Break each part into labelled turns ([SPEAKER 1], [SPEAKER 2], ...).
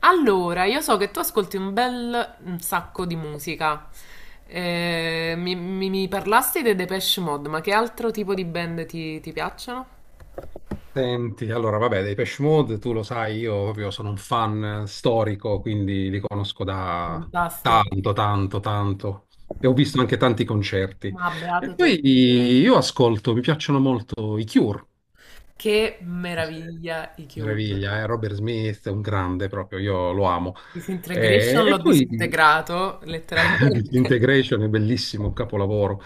[SPEAKER 1] Allora, io so che tu ascolti un sacco di musica. Mi parlasti dei Depeche Mode, ma che altro tipo di band ti piacciono?
[SPEAKER 2] Senti, allora vabbè, dei Depeche Mode, tu lo sai, io proprio sono un fan storico, quindi li conosco da
[SPEAKER 1] Fantastico.
[SPEAKER 2] tanto, tanto, tanto. E ho visto anche tanti concerti.
[SPEAKER 1] Ma beato
[SPEAKER 2] E
[SPEAKER 1] te.
[SPEAKER 2] poi io ascolto, mi piacciono molto i Cure.
[SPEAKER 1] Che
[SPEAKER 2] Se-
[SPEAKER 1] meraviglia i Cure.
[SPEAKER 2] Meraviglia, eh? Robert Smith è un grande proprio, io lo amo.
[SPEAKER 1] Disintegration
[SPEAKER 2] E,
[SPEAKER 1] l'ho
[SPEAKER 2] e poi
[SPEAKER 1] disintegrato, letteralmente.
[SPEAKER 2] Disintegration è bellissimo, un capolavoro.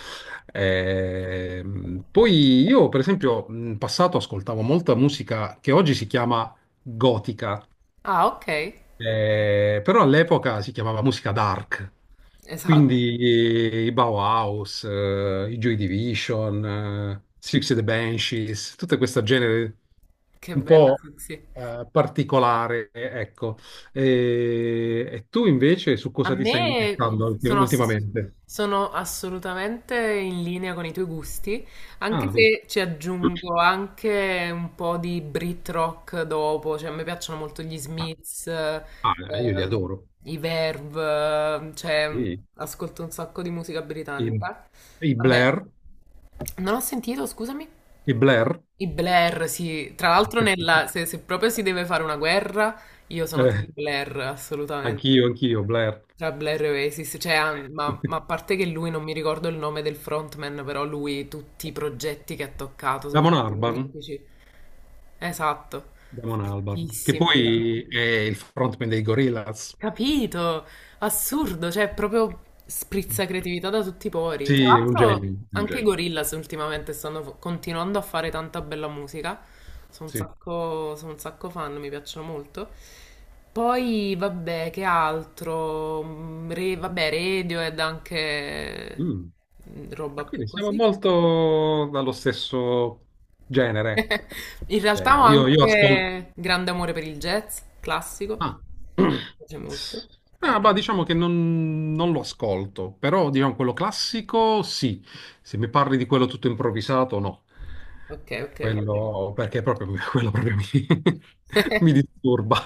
[SPEAKER 2] Poi io, per esempio, in passato ascoltavo molta musica che oggi si chiama gotica,
[SPEAKER 1] Ah, ok.
[SPEAKER 2] però all'epoca si chiamava musica dark.
[SPEAKER 1] Esatto.
[SPEAKER 2] Quindi i Bauhaus, i Joy Division, Six and the Banshees, tutto questo genere
[SPEAKER 1] Che
[SPEAKER 2] un
[SPEAKER 1] bella,
[SPEAKER 2] po'
[SPEAKER 1] sì, sì.
[SPEAKER 2] particolare, ecco. E tu invece su
[SPEAKER 1] A
[SPEAKER 2] cosa ti stai
[SPEAKER 1] me
[SPEAKER 2] indirizzando
[SPEAKER 1] sono, ass-
[SPEAKER 2] ultimamente?
[SPEAKER 1] Sono assolutamente in linea con i tuoi gusti, anche
[SPEAKER 2] Ah, vedi.
[SPEAKER 1] se ci
[SPEAKER 2] Ah,
[SPEAKER 1] aggiungo anche un po' di Brit rock dopo, cioè a me piacciono molto gli Smiths,
[SPEAKER 2] ah, io li adoro.
[SPEAKER 1] i Verve, cioè
[SPEAKER 2] Sì.
[SPEAKER 1] ascolto un sacco di musica
[SPEAKER 2] I,
[SPEAKER 1] britannica.
[SPEAKER 2] i
[SPEAKER 1] Vabbè,
[SPEAKER 2] Blair,
[SPEAKER 1] non ho sentito, scusami,
[SPEAKER 2] i Blair.
[SPEAKER 1] i Blair, sì, tra l'altro se, se proprio si deve fare una guerra, io sono team
[SPEAKER 2] Eh,
[SPEAKER 1] Blair,
[SPEAKER 2] anch'io,
[SPEAKER 1] assolutamente.
[SPEAKER 2] anch'io, Blair.
[SPEAKER 1] Tra Blair e Oasis, cioè, ah, ma a parte che lui non mi ricordo il nome del frontman, però lui tutti i progetti che ha toccato sono
[SPEAKER 2] Damon
[SPEAKER 1] stati
[SPEAKER 2] Albarn,
[SPEAKER 1] magnifici. Esatto,
[SPEAKER 2] Damon Albarn, che
[SPEAKER 1] fortissimo.
[SPEAKER 2] poi è il frontman dei Gorillaz.
[SPEAKER 1] Capito? Assurdo, cioè proprio sprizza creatività da tutti i pori. Tra
[SPEAKER 2] Sì, è un genio,
[SPEAKER 1] l'altro
[SPEAKER 2] è un
[SPEAKER 1] anche i
[SPEAKER 2] genio.
[SPEAKER 1] Gorillaz ultimamente continuando a fare tanta bella musica. Sono un
[SPEAKER 2] Sì.
[SPEAKER 1] sacco, sono un sacco fan, mi piacciono molto. Poi, vabbè, che altro? Vabbè, Radiohead anche,
[SPEAKER 2] Mm. Ma
[SPEAKER 1] roba più
[SPEAKER 2] quindi siamo
[SPEAKER 1] così.
[SPEAKER 2] molto dallo stesso genere.
[SPEAKER 1] In realtà
[SPEAKER 2] Eh,
[SPEAKER 1] ho
[SPEAKER 2] io, io ascolto.
[SPEAKER 1] anche grande amore per il jazz classico.
[SPEAKER 2] Ah.
[SPEAKER 1] Mi piace molto,
[SPEAKER 2] Ah,
[SPEAKER 1] devo
[SPEAKER 2] bah,
[SPEAKER 1] dire.
[SPEAKER 2] diciamo che non lo ascolto, però diciamo quello classico sì. Se mi parli di quello tutto improvvisato, no.
[SPEAKER 1] Ok, ok, ok.
[SPEAKER 2] Quello, perché proprio, quello proprio mi, mi disturba.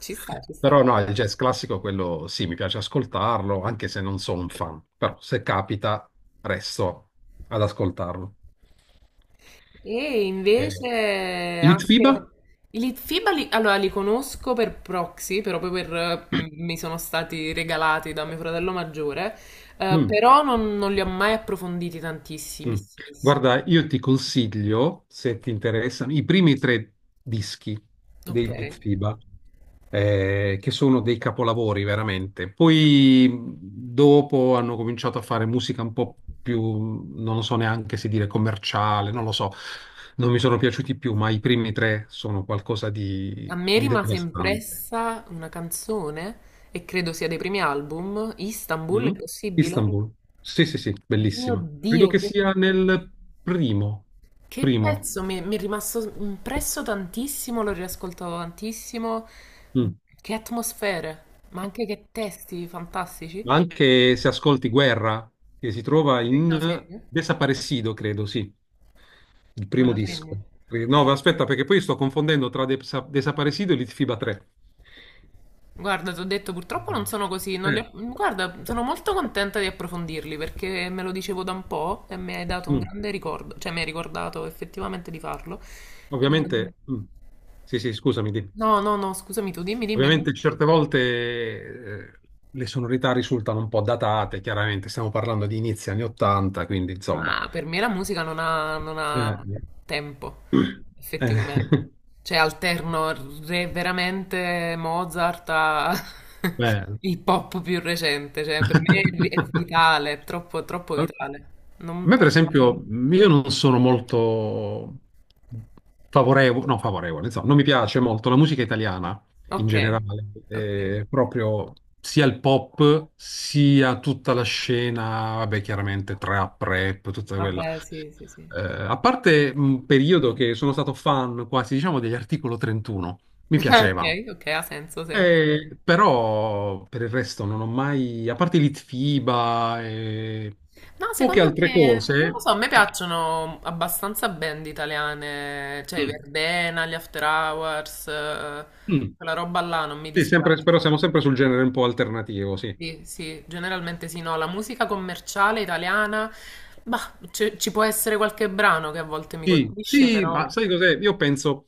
[SPEAKER 1] Ci sta, ci sta.
[SPEAKER 2] Però no, il jazz classico, quello sì, mi piace ascoltarlo, anche se non sono un fan. Però se capita, resto ad ascoltarlo.
[SPEAKER 1] E
[SPEAKER 2] Eh,
[SPEAKER 1] invece anche
[SPEAKER 2] Litfiba?
[SPEAKER 1] i FIBA li, allora, li conosco per proxy, però poi per, mi sono stati regalati da mio fratello maggiore,
[SPEAKER 2] Mm.
[SPEAKER 1] però non li ho mai approfonditi tantissimi.
[SPEAKER 2] Mm. Guarda, io ti consiglio, se ti interessano, i primi tre dischi
[SPEAKER 1] Ok.
[SPEAKER 2] dei Mitfiba, che sono dei capolavori veramente. Poi dopo hanno cominciato a fare musica un po' più, non lo so neanche se dire commerciale, non lo so, non mi sono piaciuti più, ma i primi tre sono qualcosa
[SPEAKER 1] A
[SPEAKER 2] di,
[SPEAKER 1] me
[SPEAKER 2] di
[SPEAKER 1] rimase
[SPEAKER 2] devastante.
[SPEAKER 1] impressa una canzone, e credo sia dei primi album, Istanbul,
[SPEAKER 2] Mm?
[SPEAKER 1] è possibile?
[SPEAKER 2] Istanbul, sì, sì, sì,
[SPEAKER 1] Mio
[SPEAKER 2] bellissima. Credo
[SPEAKER 1] Dio,
[SPEAKER 2] che
[SPEAKER 1] che...
[SPEAKER 2] sia nel primo,
[SPEAKER 1] Che
[SPEAKER 2] primo.
[SPEAKER 1] pezzo mi è rimasto impresso tantissimo, l'ho riascoltato tantissimo.
[SPEAKER 2] Mm.
[SPEAKER 1] Che atmosfere, ma anche che testi fantastici.
[SPEAKER 2] Ma
[SPEAKER 1] Ok,
[SPEAKER 2] anche se ascolti Guerra, che si trova
[SPEAKER 1] me lo
[SPEAKER 2] in
[SPEAKER 1] segno,
[SPEAKER 2] Desaparecido, credo, sì, il
[SPEAKER 1] me
[SPEAKER 2] primo
[SPEAKER 1] lo
[SPEAKER 2] disco.
[SPEAKER 1] segno.
[SPEAKER 2] No, ma aspetta, perché poi sto confondendo tra Desaparecido e Litfiba 3.
[SPEAKER 1] Guarda, ti ho detto, purtroppo non sono così, non li
[SPEAKER 2] Eh,
[SPEAKER 1] ho- guarda, sono molto contenta di approfondirli perché me lo dicevo da un po' e mi hai dato un
[SPEAKER 2] mm,
[SPEAKER 1] grande ricordo, cioè mi hai ricordato effettivamente di farlo. Ehm,
[SPEAKER 2] ovviamente, sì, sì, scusami, dimmi.
[SPEAKER 1] no, no, no, scusami tu, dimmi, dimmi.
[SPEAKER 2] Ovviamente certe volte le sonorità risultano un po' datate, chiaramente stiamo parlando di inizi anni 80, quindi insomma.
[SPEAKER 1] Ma per me la musica non ha
[SPEAKER 2] Eh,
[SPEAKER 1] tempo,
[SPEAKER 2] eh,
[SPEAKER 1] effettivamente. Cioè, alterno veramente Mozart a
[SPEAKER 2] Bello.
[SPEAKER 1] il pop più recente. Cioè, per me è vitale, troppo vitale.
[SPEAKER 2] A
[SPEAKER 1] Non
[SPEAKER 2] me, per
[SPEAKER 1] passa il giorno.
[SPEAKER 2] esempio, io non sono molto favorevole, no, favorevole, insomma, non mi piace molto la musica italiana in
[SPEAKER 1] Ok,
[SPEAKER 2] generale,
[SPEAKER 1] ok.
[SPEAKER 2] proprio sia il pop sia tutta la scena, vabbè, chiaramente trap, rap, tutta quella.
[SPEAKER 1] Vabbè, sì, sì, sì.
[SPEAKER 2] A parte un periodo che sono stato fan quasi, diciamo, degli Articolo 31, mi piacevano.
[SPEAKER 1] Ok, ok, ha senso, senso.
[SPEAKER 2] Però per il resto non ho mai, a parte Litfiba e
[SPEAKER 1] No,
[SPEAKER 2] poche
[SPEAKER 1] secondo
[SPEAKER 2] altre
[SPEAKER 1] me, non lo
[SPEAKER 2] cose.
[SPEAKER 1] so, a me piacciono abbastanza band italiane, cioè i
[SPEAKER 2] Mm,
[SPEAKER 1] Verdena, gli After Hours,
[SPEAKER 2] mm.
[SPEAKER 1] quella roba là non mi
[SPEAKER 2] Sì, sempre,
[SPEAKER 1] dispiace.
[SPEAKER 2] però siamo sempre sul genere un po' alternativo, sì.
[SPEAKER 1] Sì, sì, generalmente sì, no, la musica commerciale italiana, bah, ci può essere qualche brano che a volte mi
[SPEAKER 2] Sì,
[SPEAKER 1] colpisce,
[SPEAKER 2] sì, ma
[SPEAKER 1] però...
[SPEAKER 2] sai cos'è? Io penso,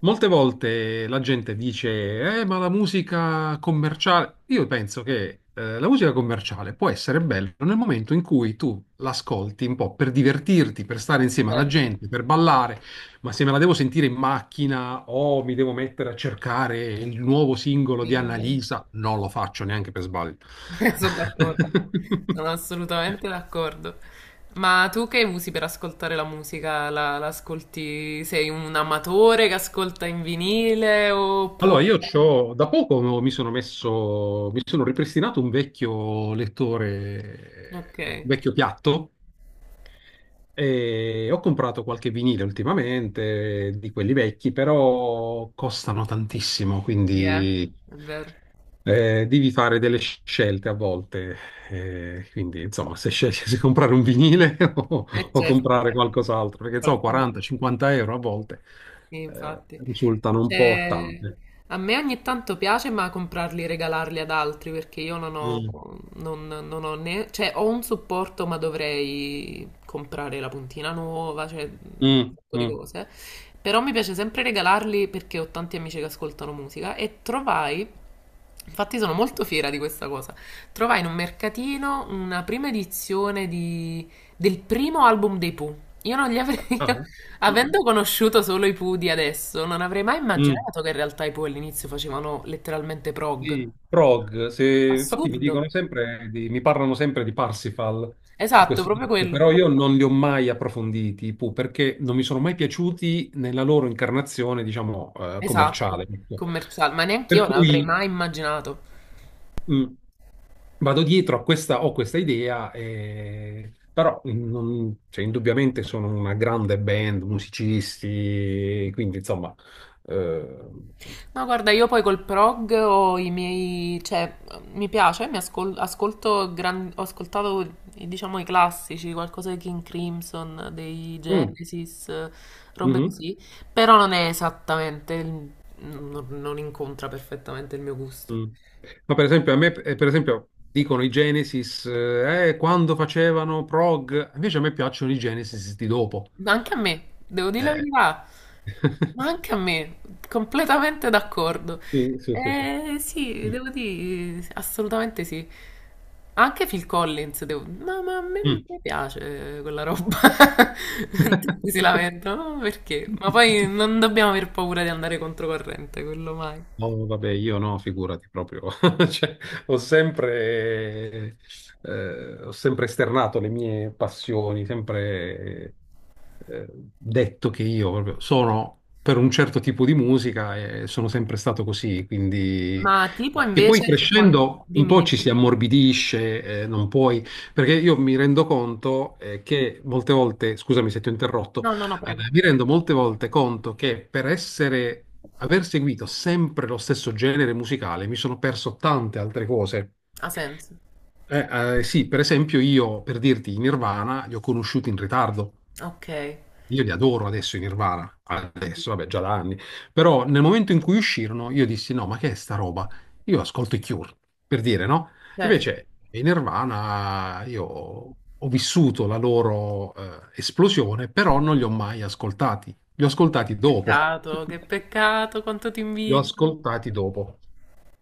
[SPEAKER 2] molte volte la gente dice, ma la musica commerciale. Io penso che la musica commerciale può essere bella nel momento in cui tu l'ascolti un po' per divertirti, per stare insieme alla
[SPEAKER 1] Vero,
[SPEAKER 2] gente, per ballare, ma se me la devo sentire in macchina o mi devo mettere a cercare il nuovo singolo di
[SPEAKER 1] sì, è vero.
[SPEAKER 2] Annalisa, non lo faccio neanche per sbaglio.
[SPEAKER 1] Sono d'accordo, sono assolutamente d'accordo. Ma tu che usi per ascoltare la musica? La ascolti? Sei un amatore che ascolta in vinile
[SPEAKER 2] Allora,
[SPEAKER 1] oppure...
[SPEAKER 2] io c'ho, da poco mi sono messo, mi sono ripristinato un vecchio
[SPEAKER 1] Ok,
[SPEAKER 2] lettore, un vecchio piatto, e ho comprato qualche vinile ultimamente, di quelli vecchi, però costano tantissimo,
[SPEAKER 1] yeah,
[SPEAKER 2] quindi
[SPEAKER 1] è vero.
[SPEAKER 2] devi fare delle scelte a volte. Quindi, insomma, se scegli se comprare un vinile o,
[SPEAKER 1] Eh
[SPEAKER 2] o
[SPEAKER 1] certo,
[SPEAKER 2] comprare qualcos'altro, perché so,
[SPEAKER 1] qualcuno.
[SPEAKER 2] 40-50 euro a volte
[SPEAKER 1] Sì, infatti.
[SPEAKER 2] risultano un po'
[SPEAKER 1] Cioè,
[SPEAKER 2] tante.
[SPEAKER 1] a me ogni tanto piace, ma comprarli e regalarli ad altri perché io non ho,
[SPEAKER 2] Mm,
[SPEAKER 1] non, non ho né, cioè, ho un supporto, ma dovrei comprare la puntina nuova, cioè, un
[SPEAKER 2] mm,
[SPEAKER 1] sacco di
[SPEAKER 2] mm.
[SPEAKER 1] cose. Però mi piace sempre regalarli perché ho tanti amici che ascoltano musica e trovai, infatti sono molto fiera di questa cosa, trovai in un mercatino una prima del primo album dei Pooh. Io non li avrei,
[SPEAKER 2] Ah,
[SPEAKER 1] avendo conosciuto solo i Pooh di adesso, non avrei mai
[SPEAKER 2] Mm,
[SPEAKER 1] immaginato che in realtà i Pooh all'inizio facevano letteralmente prog.
[SPEAKER 2] sì, prog, infatti mi dicono
[SPEAKER 1] Assurdo.
[SPEAKER 2] sempre mi parlano sempre di Parsifal, di
[SPEAKER 1] Esatto,
[SPEAKER 2] questo
[SPEAKER 1] proprio
[SPEAKER 2] disco,
[SPEAKER 1] quello.
[SPEAKER 2] però io non li ho mai approfonditi, perché non mi sono mai piaciuti nella loro incarnazione, diciamo, commerciale.
[SPEAKER 1] Esatto.
[SPEAKER 2] Ecco.
[SPEAKER 1] Commerciale, ma neanche io
[SPEAKER 2] Per
[SPEAKER 1] l'avrei
[SPEAKER 2] cui
[SPEAKER 1] mai immaginato.
[SPEAKER 2] mm, vado dietro a questa, ho questa idea, però cioè, indubbiamente sono una grande band, musicisti, quindi insomma... eh,
[SPEAKER 1] No, guarda, io poi col prog ho i miei, cioè, mi piace, mi ascol- ascolto gran- ho ascoltato, diciamo, i classici, qualcosa di King Crimson, dei
[SPEAKER 2] mm.
[SPEAKER 1] Genesis, robe
[SPEAKER 2] Mhm,
[SPEAKER 1] così, però non non incontra perfettamente il mio gusto.
[SPEAKER 2] mm. Ma per esempio, a me, per esempio, dicono i Genesis, quando facevano prog, invece a me piacciono i Genesis di dopo.
[SPEAKER 1] Ma anche a me, devo dire la
[SPEAKER 2] Eh.
[SPEAKER 1] verità, ma anche a me, completamente d'accordo.
[SPEAKER 2] Sì, sì, sì, sì.
[SPEAKER 1] Eh sì, devo dire, assolutamente sì. Anche Phil Collins, devo... ma a me
[SPEAKER 2] Mm.
[SPEAKER 1] mi piace quella roba. Tutti si lamentano, ma perché? Ma poi non dobbiamo aver paura di andare controcorrente, quello mai.
[SPEAKER 2] No, vabbè, io no, figurati proprio. Cioè, ho sempre, ho sempre esternato le mie passioni, sempre eh, detto che io proprio sono per un certo tipo di musica e sono sempre stato così. Quindi.
[SPEAKER 1] Ma tipo
[SPEAKER 2] E poi
[SPEAKER 1] invece,
[SPEAKER 2] crescendo un
[SPEAKER 1] dimmi,
[SPEAKER 2] po' ci si
[SPEAKER 1] dimmi.
[SPEAKER 2] ammorbidisce, non puoi, perché io mi rendo conto che molte volte, scusami se ti ho interrotto,
[SPEAKER 1] No, no, no, prego.
[SPEAKER 2] allora, mi rendo molte volte conto che per essere, aver seguito sempre lo stesso genere musicale mi sono perso tante altre cose.
[SPEAKER 1] Ha senso.
[SPEAKER 2] Sì, per esempio io, per dirti, i Nirvana li ho conosciuti in ritardo.
[SPEAKER 1] Ok.
[SPEAKER 2] Io li adoro adesso i Nirvana, adesso, vabbè, già da anni, però nel momento in cui uscirono io dissi no, ma che è sta roba? Io ascolto i Cure, per dire, no?
[SPEAKER 1] Certo.
[SPEAKER 2] Invece i Nirvana io ho vissuto la loro esplosione, però non li ho mai ascoltati, li ho ascoltati dopo.
[SPEAKER 1] Peccato, che peccato, quanto ti
[SPEAKER 2] Li ho
[SPEAKER 1] invidio.
[SPEAKER 2] ascoltati dopo.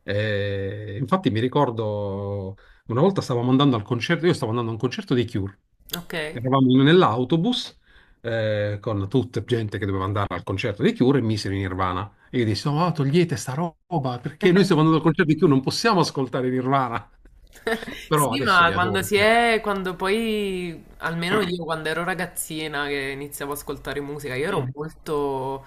[SPEAKER 2] Infatti mi ricordo una volta stavamo andando al concerto, io stavo andando a un concerto dei Cure.
[SPEAKER 1] Ok.
[SPEAKER 2] Eravamo nell'autobus con tutta gente che doveva andare al concerto dei Cure e misero in Nirvana. E io dissi, no, togliete sta roba, perché noi stiamo andando al concerto dei Cure, non possiamo ascoltare Nirvana. Però
[SPEAKER 1] Sì,
[SPEAKER 2] adesso
[SPEAKER 1] ma
[SPEAKER 2] li adoro. Cioè.
[SPEAKER 1] quando poi, almeno io quando ero ragazzina che iniziavo ad ascoltare musica, io ero
[SPEAKER 2] Mm,
[SPEAKER 1] molto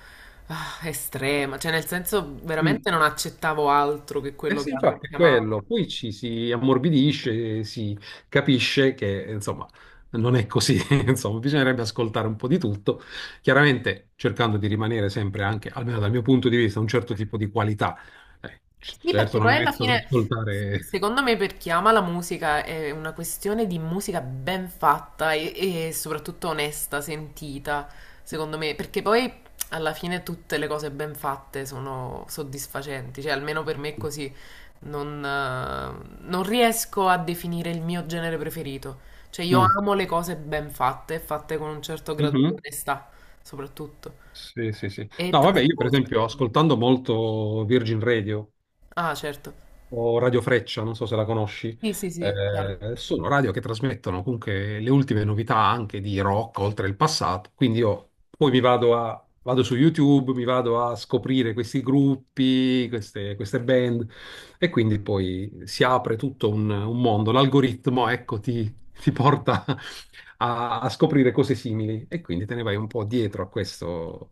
[SPEAKER 1] ah, estrema, cioè nel senso
[SPEAKER 2] mm.
[SPEAKER 1] veramente non accettavo altro che
[SPEAKER 2] Eh
[SPEAKER 1] quello che
[SPEAKER 2] sì, infatti è
[SPEAKER 1] chiamava.
[SPEAKER 2] quello, poi ci si ammorbidisce, si capisce che insomma non è così, insomma bisognerebbe ascoltare un po' di tutto, chiaramente cercando di rimanere sempre anche, almeno dal mio punto di vista, un certo tipo di qualità.
[SPEAKER 1] Sì, perché
[SPEAKER 2] Certo non mi
[SPEAKER 1] poi alla
[SPEAKER 2] metto ad
[SPEAKER 1] fine,
[SPEAKER 2] ascoltare.
[SPEAKER 1] secondo me, per chi ama la musica è una questione di musica ben fatta e soprattutto onesta, sentita, secondo me, perché poi alla fine tutte le cose ben fatte sono soddisfacenti, cioè almeno per me è così, non riesco a definire il mio genere preferito, cioè io
[SPEAKER 2] Mm.
[SPEAKER 1] amo le cose ben fatte, e fatte con un certo grado di
[SPEAKER 2] Mhm.
[SPEAKER 1] onestà, soprattutto,
[SPEAKER 2] Sì, sì, sì.
[SPEAKER 1] e
[SPEAKER 2] No, vabbè, io per
[SPEAKER 1] trasporto.
[SPEAKER 2] esempio ascoltando molto Virgin Radio,
[SPEAKER 1] Ah, certo.
[SPEAKER 2] o Radio Freccia, non so se la conosci,
[SPEAKER 1] Sì, sì, sì, chiaro.
[SPEAKER 2] sono radio che trasmettono comunque le ultime novità anche di rock oltre il passato. Quindi io poi mi vado su YouTube, mi vado a scoprire questi gruppi, queste band e quindi poi si apre tutto un mondo. L'algoritmo, ecco, ti porta a scoprire cose simili e quindi te ne vai un po' dietro a questo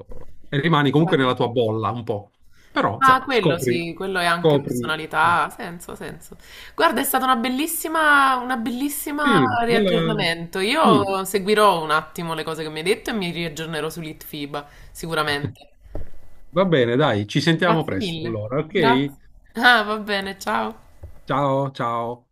[SPEAKER 2] e rimani comunque nella
[SPEAKER 1] Guarda.
[SPEAKER 2] tua bolla un po'. Però,
[SPEAKER 1] Ah,
[SPEAKER 2] insomma,
[SPEAKER 1] quello
[SPEAKER 2] scopri,
[SPEAKER 1] sì, quello è anche
[SPEAKER 2] scopri. Eh.
[SPEAKER 1] personalità, ha senso, ha senso. Guarda, è stata una bellissima
[SPEAKER 2] Sì,
[SPEAKER 1] riaggiornamento.
[SPEAKER 2] mm.
[SPEAKER 1] Io seguirò un attimo le cose che mi hai detto e mi riaggiornerò sull'ITFIBA, sicuramente.
[SPEAKER 2] Va bene, dai, ci sentiamo
[SPEAKER 1] Grazie
[SPEAKER 2] presto
[SPEAKER 1] mille.
[SPEAKER 2] allora, ok?
[SPEAKER 1] Grazie. Ah, va bene, ciao.
[SPEAKER 2] Ciao, ciao.